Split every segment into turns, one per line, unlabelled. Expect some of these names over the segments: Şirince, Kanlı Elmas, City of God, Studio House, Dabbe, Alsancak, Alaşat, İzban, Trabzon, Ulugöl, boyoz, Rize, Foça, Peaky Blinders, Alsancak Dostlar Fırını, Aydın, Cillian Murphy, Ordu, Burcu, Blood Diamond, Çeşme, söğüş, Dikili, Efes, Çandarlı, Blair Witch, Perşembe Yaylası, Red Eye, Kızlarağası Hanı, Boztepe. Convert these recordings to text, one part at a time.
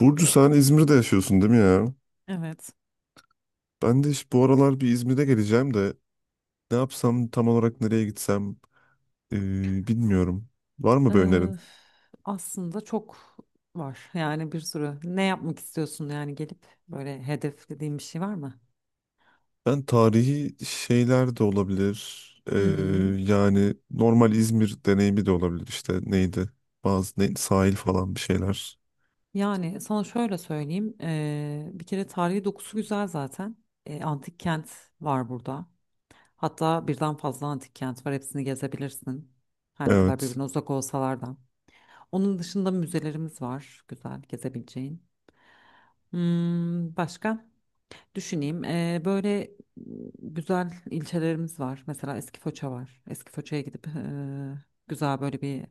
Burcu sen İzmir'de yaşıyorsun değil mi ya?
Evet.
Ben de işte bu aralar bir İzmir'e geleceğim de ne yapsam tam olarak nereye gitsem bilmiyorum. Var mı bir önerin?
Eee, aslında çok var. Yani bir sürü. Ne yapmak istiyorsun yani gelip böyle hedeflediğin bir şey var mı?
Ben tarihi şeyler de olabilir.
Hı hı.
Yani normal İzmir deneyimi de olabilir işte neydi? Bazı ne, sahil falan bir şeyler.
Yani sana şöyle söyleyeyim. Bir kere tarihi dokusu güzel zaten. Antik kent var burada. Hatta birden fazla antik kent var. Hepsini gezebilirsin. Her ne kadar
Evet.
birbirine uzak olsalar da. Onun dışında müzelerimiz var. Güzel gezebileceğin. Hmm, başka? Düşüneyim. Böyle güzel ilçelerimiz var. Mesela Eskifoça var. Eskifoça'ya gidip güzel böyle bir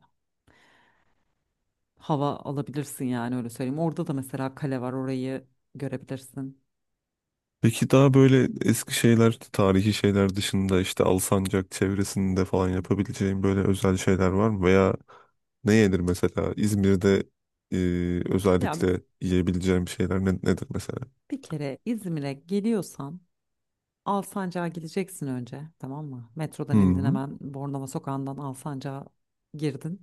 hava alabilirsin yani, öyle söyleyeyim. Orada da mesela kale var, orayı görebilirsin.
Peki daha böyle eski şeyler, tarihi şeyler dışında işte Alsancak çevresinde falan yapabileceğim böyle özel şeyler var mı? Veya ne yenir mesela? İzmir'de
Ya,
özellikle yiyebileceğim şeyler nedir mesela?
bir kere İzmir'e geliyorsan Alsancak'a gideceksin önce, tamam mı? Metrodan indin,
Hmm,
hemen Bornova Sokağı'ndan Alsancak'a girdin.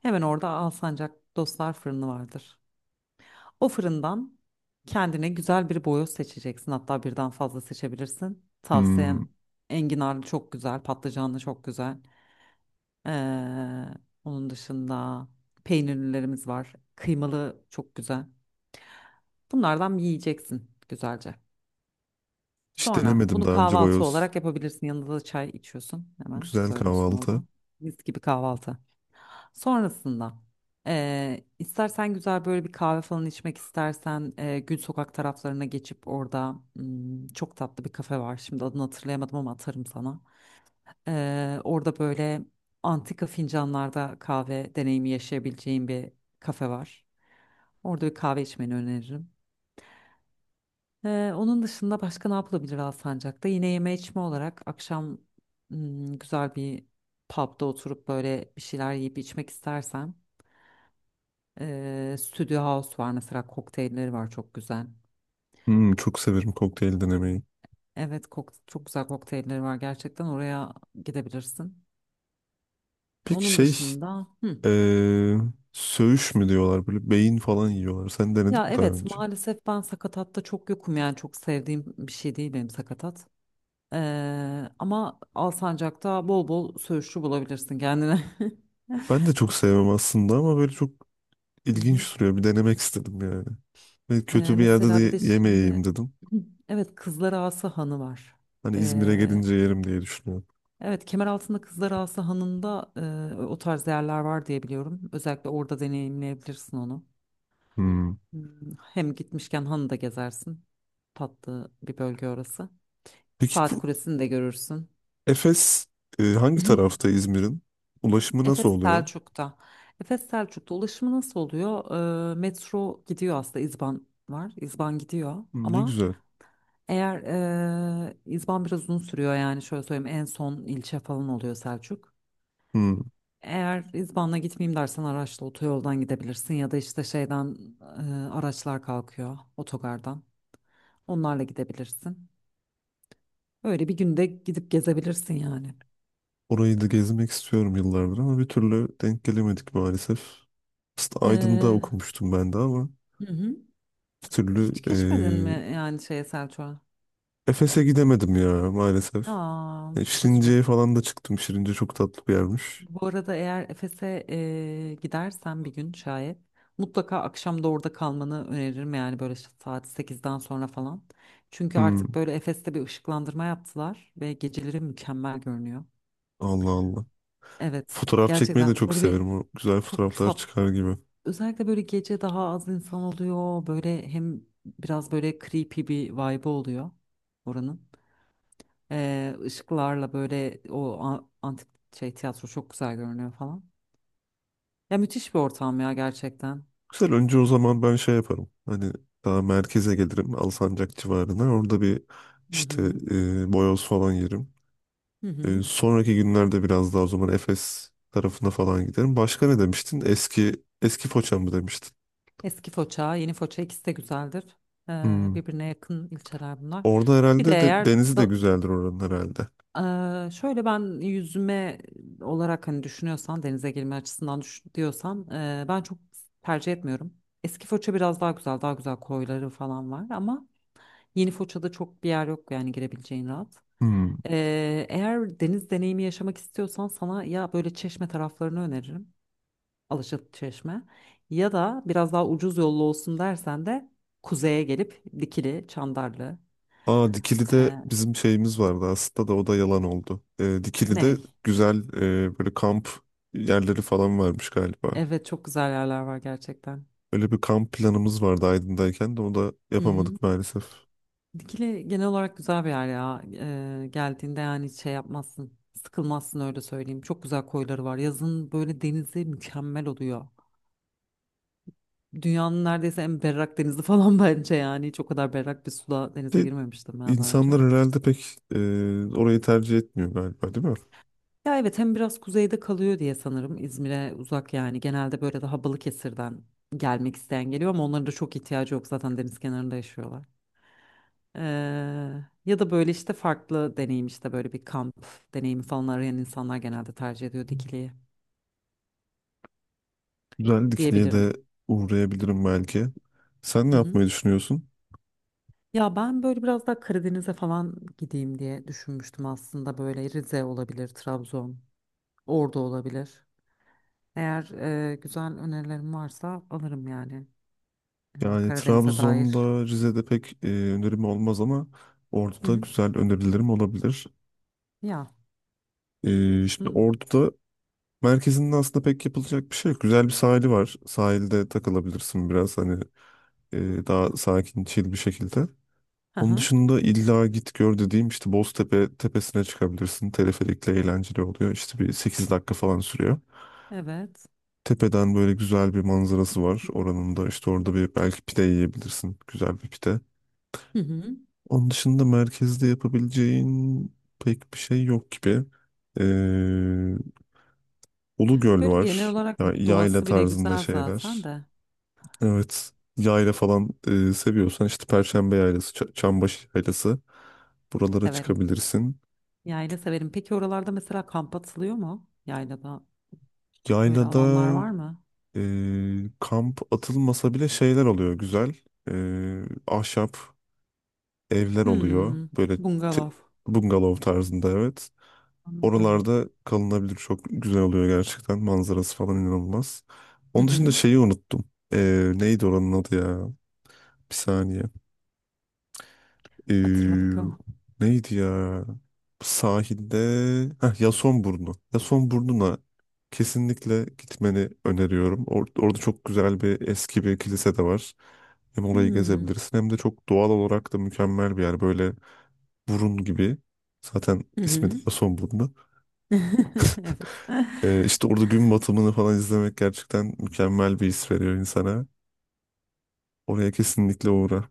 Hemen orada Alsancak Dostlar Fırını vardır. O fırından kendine güzel bir boyoz seçeceksin. Hatta birden fazla seçebilirsin.
hmm.
Tavsiyem enginarlı çok güzel, patlıcanlı çok güzel. Ee, onun dışında peynirlilerimiz var. Kıymalı çok güzel. Bunlardan yiyeceksin güzelce.
Hiç
Sonra
denemedim
bunu
daha önce
kahvaltı
boyoz.
olarak yapabilirsin. Yanında da çay içiyorsun. Hemen
Güzel
söylüyorsun
kahvaltı.
oradan. Mis gibi kahvaltı. Sonrasında istersen güzel böyle bir kahve falan içmek istersen Gül Sokak taraflarına geçip orada çok tatlı bir kafe var. Şimdi adını hatırlayamadım ama atarım sana. Orada böyle antika fincanlarda kahve deneyimi yaşayabileceğin bir kafe var. Orada bir kahve içmeni öneririm. Onun dışında başka ne yapılabilir Alsancak'ta? Yine yeme içme olarak akşam güzel bir pub'da oturup böyle bir şeyler yiyip içmek istersen. Studio House var mesela, kokteylleri var çok güzel.
Hmm, çok severim kokteyl denemeyi.
Evet, çok güzel kokteylleri var gerçekten, oraya gidebilirsin.
Peki
Onun
şey,
dışında hı.
e, söğüş mü diyorlar böyle beyin falan yiyorlar. Sen denedin
Ya
mi daha
evet,
önce?
maalesef ben sakatatta çok yokum yani, çok sevdiğim bir şey değil benim sakatat. Ama Alsancak'ta bol bol söğüşçü bulabilirsin kendine.
Ben de çok sevmem aslında ama böyle çok
Hı hı.
İlginç duruyor. Bir denemek istedim yani. Ve
Ee,
kötü bir yerde
mesela bir de
de
şimdi
yemeyeyim dedim.
evet, Kızlarağası Hanı var.
Hani İzmir'e gelince yerim diye düşünüyorum.
Evet, Kemeraltı'nda Kızlarağası Hanı'nda o tarz yerler var diye biliyorum. Özellikle orada deneyimleyebilirsin onu.
Hmm.
Hmm. Hem gitmişken hanı da gezersin. Tatlı bir bölge orası.
Peki
Saat
bu
Kulesi'ni de görürsün.
Efes hangi tarafta İzmir'in? Ulaşımı nasıl
Efes
oluyor?
Selçuk'ta. Efes Selçuk'ta ulaşımı nasıl oluyor? Metro gidiyor aslında. İzban var. İzban gidiyor.
Hmm, ne
Ama
güzel.
eğer İzban biraz uzun sürüyor yani, şöyle söyleyeyim, en son ilçe falan oluyor Selçuk.
Hmm.
Eğer İzban'la gitmeyeyim dersen araçla otoyoldan gidebilirsin ya da işte şeyden araçlar kalkıyor otogardan. Onlarla gidebilirsin. Öyle bir günde gidip gezebilirsin yani.
Orayı da gezmek istiyorum yıllardır ama bir türlü denk gelemedik maalesef. Aslında Aydın'da
Ee,
okumuştum ben de ama
hı hı.
bir türlü
Hiç geçmedin mi yani şeye, Selçuk'a?
Efes'e gidemedim ya maalesef.
Aa,
E,
çok üzücü.
Şirince'ye falan da çıktım. Şirince çok tatlı bir yermiş.
Bu arada eğer Efes'e gidersen bir gün, şayet mutlaka akşam da orada kalmanı öneririm yani, böyle işte saat 8'den sonra falan. Çünkü artık
Hmm.
böyle Efes'te bir ışıklandırma yaptılar ve geceleri mükemmel görünüyor.
Allah Allah.
Evet,
Fotoğraf çekmeyi de
gerçekten
çok
böyle bir
severim. O güzel
çok
fotoğraflar
tat
çıkar gibi.
özellikle böyle gece daha az insan oluyor. Böyle hem biraz böyle creepy bir vibe oluyor oranın. Işıklarla böyle o antik şey tiyatro çok güzel görünüyor falan. Ya müthiş bir ortam ya, gerçekten.
Güzel önce o zaman ben şey yaparım. Hani daha merkeze gelirim. Alsancak civarına. Orada bir
Hı
işte
hı.
boyoz falan yerim.
Hı
E,
hı.
sonraki günlerde biraz daha o zaman Efes tarafına falan giderim. Başka ne demiştin? Eski eski Foça mı demiştin?
Eski Foça, yeni Foça, ikisi de güzeldir. Ee,
Hmm.
birbirine yakın ilçeler bunlar.
Orada
Bir de
herhalde de,
eğer
denizi de
da-
güzeldir oranın herhalde.
şöyle ben yüzme olarak hani düşünüyorsan, denize girme açısından düş diyorsan ben çok tercih etmiyorum. Eski Foça biraz daha güzel, daha güzel koyları falan var ama yeni Foça'da çok bir yer yok yani, girebileceğin rahat.
Hmm.
Eğer deniz deneyimi yaşamak istiyorsan sana ya böyle Çeşme taraflarını öneririm. Alaşat Çeşme, ya da biraz daha ucuz yollu olsun dersen de kuzeye gelip Dikili, Çandarlı,
Aa, Dikili'de
eee
bizim şeyimiz vardı aslında da o da yalan oldu. Dikili'de
ney.
güzel böyle kamp yerleri falan varmış galiba.
Evet, çok güzel yerler var gerçekten.
Öyle bir kamp planımız vardı Aydın'dayken de onu da
Hı hı.
yapamadık maalesef.
Dikili genel olarak güzel bir yer ya. Geldiğinde yani şey yapmazsın. Sıkılmazsın, öyle söyleyeyim. Çok güzel koyları var. Yazın böyle denizi mükemmel oluyor. Dünyanın neredeyse en berrak denizi falan bence yani. Hiç o kadar berrak bir suda denize
De,
girmemiştim ben daha önce.
insanlar herhalde pek orayı tercih etmiyor galiba değil mi?
Ya evet, hem biraz kuzeyde kalıyor diye sanırım. İzmir'e uzak yani. Genelde böyle daha Balıkesir'den gelmek isteyen geliyor ama onların da çok ihtiyacı yok. Zaten deniz kenarında yaşıyorlar. Eee, ya da böyle işte farklı deneyim, işte böyle bir kamp deneyimi falan arayan insanlar genelde tercih ediyor dikiliyi
Güzel, Dikili'ye de
diyebilirim.
uğrayabilirim belki. Sen ne
Hı hı.
yapmayı düşünüyorsun?
Ya ben böyle biraz daha Karadeniz'e falan gideyim diye düşünmüştüm aslında, böyle Rize olabilir, Trabzon, Ordu olabilir. Eğer güzel önerilerim varsa alırım yani,
Yani
Karadeniz'e dair.
Trabzon'da, Rize'de pek önerim olmaz ama
Hı
Ordu'da
hı.
güzel önerilerim olabilir.
Ya.
Şimdi
Hı.
Ordu'da merkezinde aslında pek yapılacak bir şey yok. Güzel bir sahili var. Sahilde takılabilirsin biraz hani daha sakin, chill bir şekilde.
Hı
Onun
hı.
dışında illa git gör dediğim işte Boztepe tepesine çıkabilirsin. Teleferikle eğlenceli oluyor. İşte bir 8 dakika falan sürüyor.
Evet.
Tepeden böyle güzel bir manzarası var oranın da. İşte orada bir belki pide yiyebilirsin. Güzel bir pide.
Hı hı.
Onun dışında merkezde yapabileceğin pek bir şey yok gibi. Ee, Ulugöl
Böyle genel
var.
olarak
Yayla
doğası bile
tarzında
güzel zaten
şeyler.
de
Evet. Yayla falan seviyorsan işte Perşembe Yaylası, Çambaşı Yaylası, buralara
severim.
çıkabilirsin.
Yayla severim. Peki oralarda mesela kamp atılıyor mu, yaylada öyle
Yaylada
alanlar var mı?
kamp atılmasa bile şeyler oluyor güzel. E, ahşap evler oluyor.
Hmm,
Böyle te-
bungalov.
bungalov tarzında evet.
Anladım.
Oralarda kalınabilir, çok güzel oluyor gerçekten. Manzarası falan inanılmaz.
Hı
Onun dışında
hı.
şeyi unuttum. E, neydi oranın adı ya? Bir saniye.
Hatırla
Ee,
bakalım.
Neydi ya? Sahilde heh, Yasonburnu. Yasonburnu'na kesinlikle gitmeni öneriyorum. Orada çok güzel bir eski bir kilise de var. Hem orayı
Hmm.
gezebilirsin hem de çok doğal olarak da mükemmel bir yer. Böyle burun gibi. Zaten
Hı
ismi de
hı.
Yasonburnu.
Evet.
İşte orada gün batımını falan izlemek gerçekten mükemmel bir his veriyor insana. Oraya kesinlikle uğra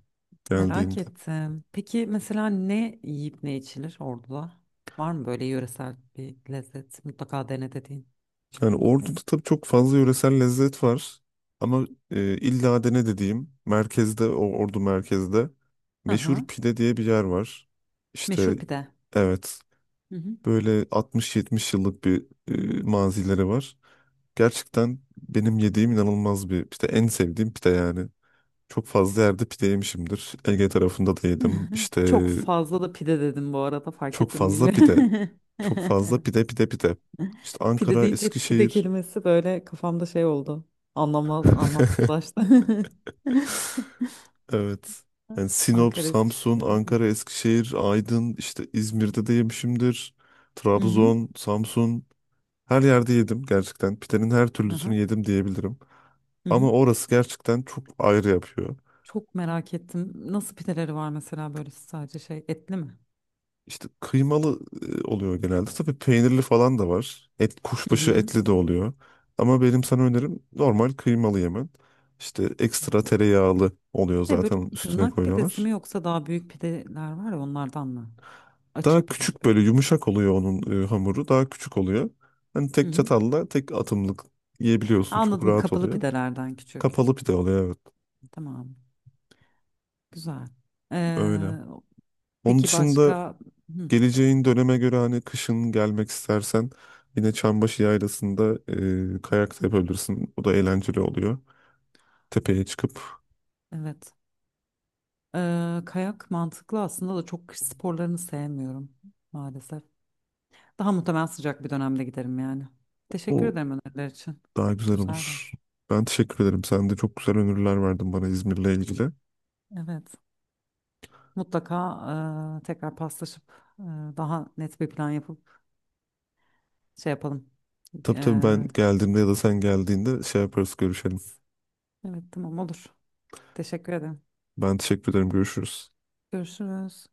Merak
geldiğinde.
ettim. Peki mesela ne yiyip ne içilir Ordu'da? Var mı böyle yöresel bir lezzet, mutlaka dene dediğin?
Yani Ordu'da tabii çok fazla yöresel lezzet var. Ama illa dene dediğim merkezde, o Ordu merkezde meşhur
Aha.
pide diye bir yer var. İşte
Meşhur pide.
evet,
Hı hı.
böyle 60-70 yıllık bir mazileri var. Gerçekten benim yediğim inanılmaz bir pide. En sevdiğim pide yani. Çok fazla yerde pide yemişimdir. Ege tarafında da yedim. İşte
Çok fazla da pide dedim bu arada, fark
çok
ettim,
fazla pide.
bilmiyorum.
Çok fazla pide pide. İşte
Pide
Ankara,
deyince pide
Eskişehir.
kelimesi böyle kafamda şey oldu. Anlamla, anlamsızlaştı.
Evet. Yani Sinop,
Ankara, Eskişehir
Samsun,
dedim.
Ankara, Eskişehir, Aydın, işte İzmir'de de yemişimdir.
Hı hı, hı.
Trabzon, Samsun, her yerde yedim gerçekten. Pidenin her
Aha.
türlüsünü yedim diyebilirim.
Hı hı.
Ama orası gerçekten çok ayrı yapıyor.
Çok merak ettim. Nasıl pideleri var mesela, böyle sadece şey, etli mi?
İşte kıymalı oluyor genelde. Tabii peynirli falan da var. Et,
Hı
kuşbaşı
hı.
etli de oluyor. Ama benim sana önerim normal kıymalı yemen. İşte ekstra tereyağlı oluyor
Şey, böyle
zaten, üstüne
tırnak pidesi
koyuyorlar.
mi yoksa daha büyük pideler var ya, onlardan mı?
Daha
Açık pide
küçük,
gibi.
böyle yumuşak oluyor onun hamuru. Daha küçük oluyor. Hani
Hı
tek
hı.
çatalla tek atımlık
Ha,
yiyebiliyorsun. Çok
anladım,
rahat
kapalı
oluyor.
pidelerden küçük.
Kapalı pide oluyor evet.
Tamam. Güzel.
Öyle.
Ee,
Onun
peki
dışında
başka? Hı,
geleceğin döneme göre hani kışın gelmek istersen yine Çambaşı Yaylası'nda kayak da yapabilirsin. O da eğlenceli oluyor. Tepeye çıkıp
evet. Kayak mantıklı aslında da çok kış sporlarını sevmiyorum maalesef. Daha muhtemelen sıcak bir dönemde giderim yani. Teşekkür
o
ederim öneriler için.
daha güzel
Güzel de.
olur. Ben teşekkür ederim. Sen de çok güzel öneriler verdin bana İzmir'le ilgili.
Evet. Mutlaka tekrar paslaşıp e, daha net bir plan yapıp şey yapalım.
Tabii tabii, ben
E,
geldiğimde ya da sen geldiğinde şey yaparız, görüşelim.
evet tamam olur. Teşekkür ederim.
Ben teşekkür ederim. Görüşürüz.
Görüşürüz.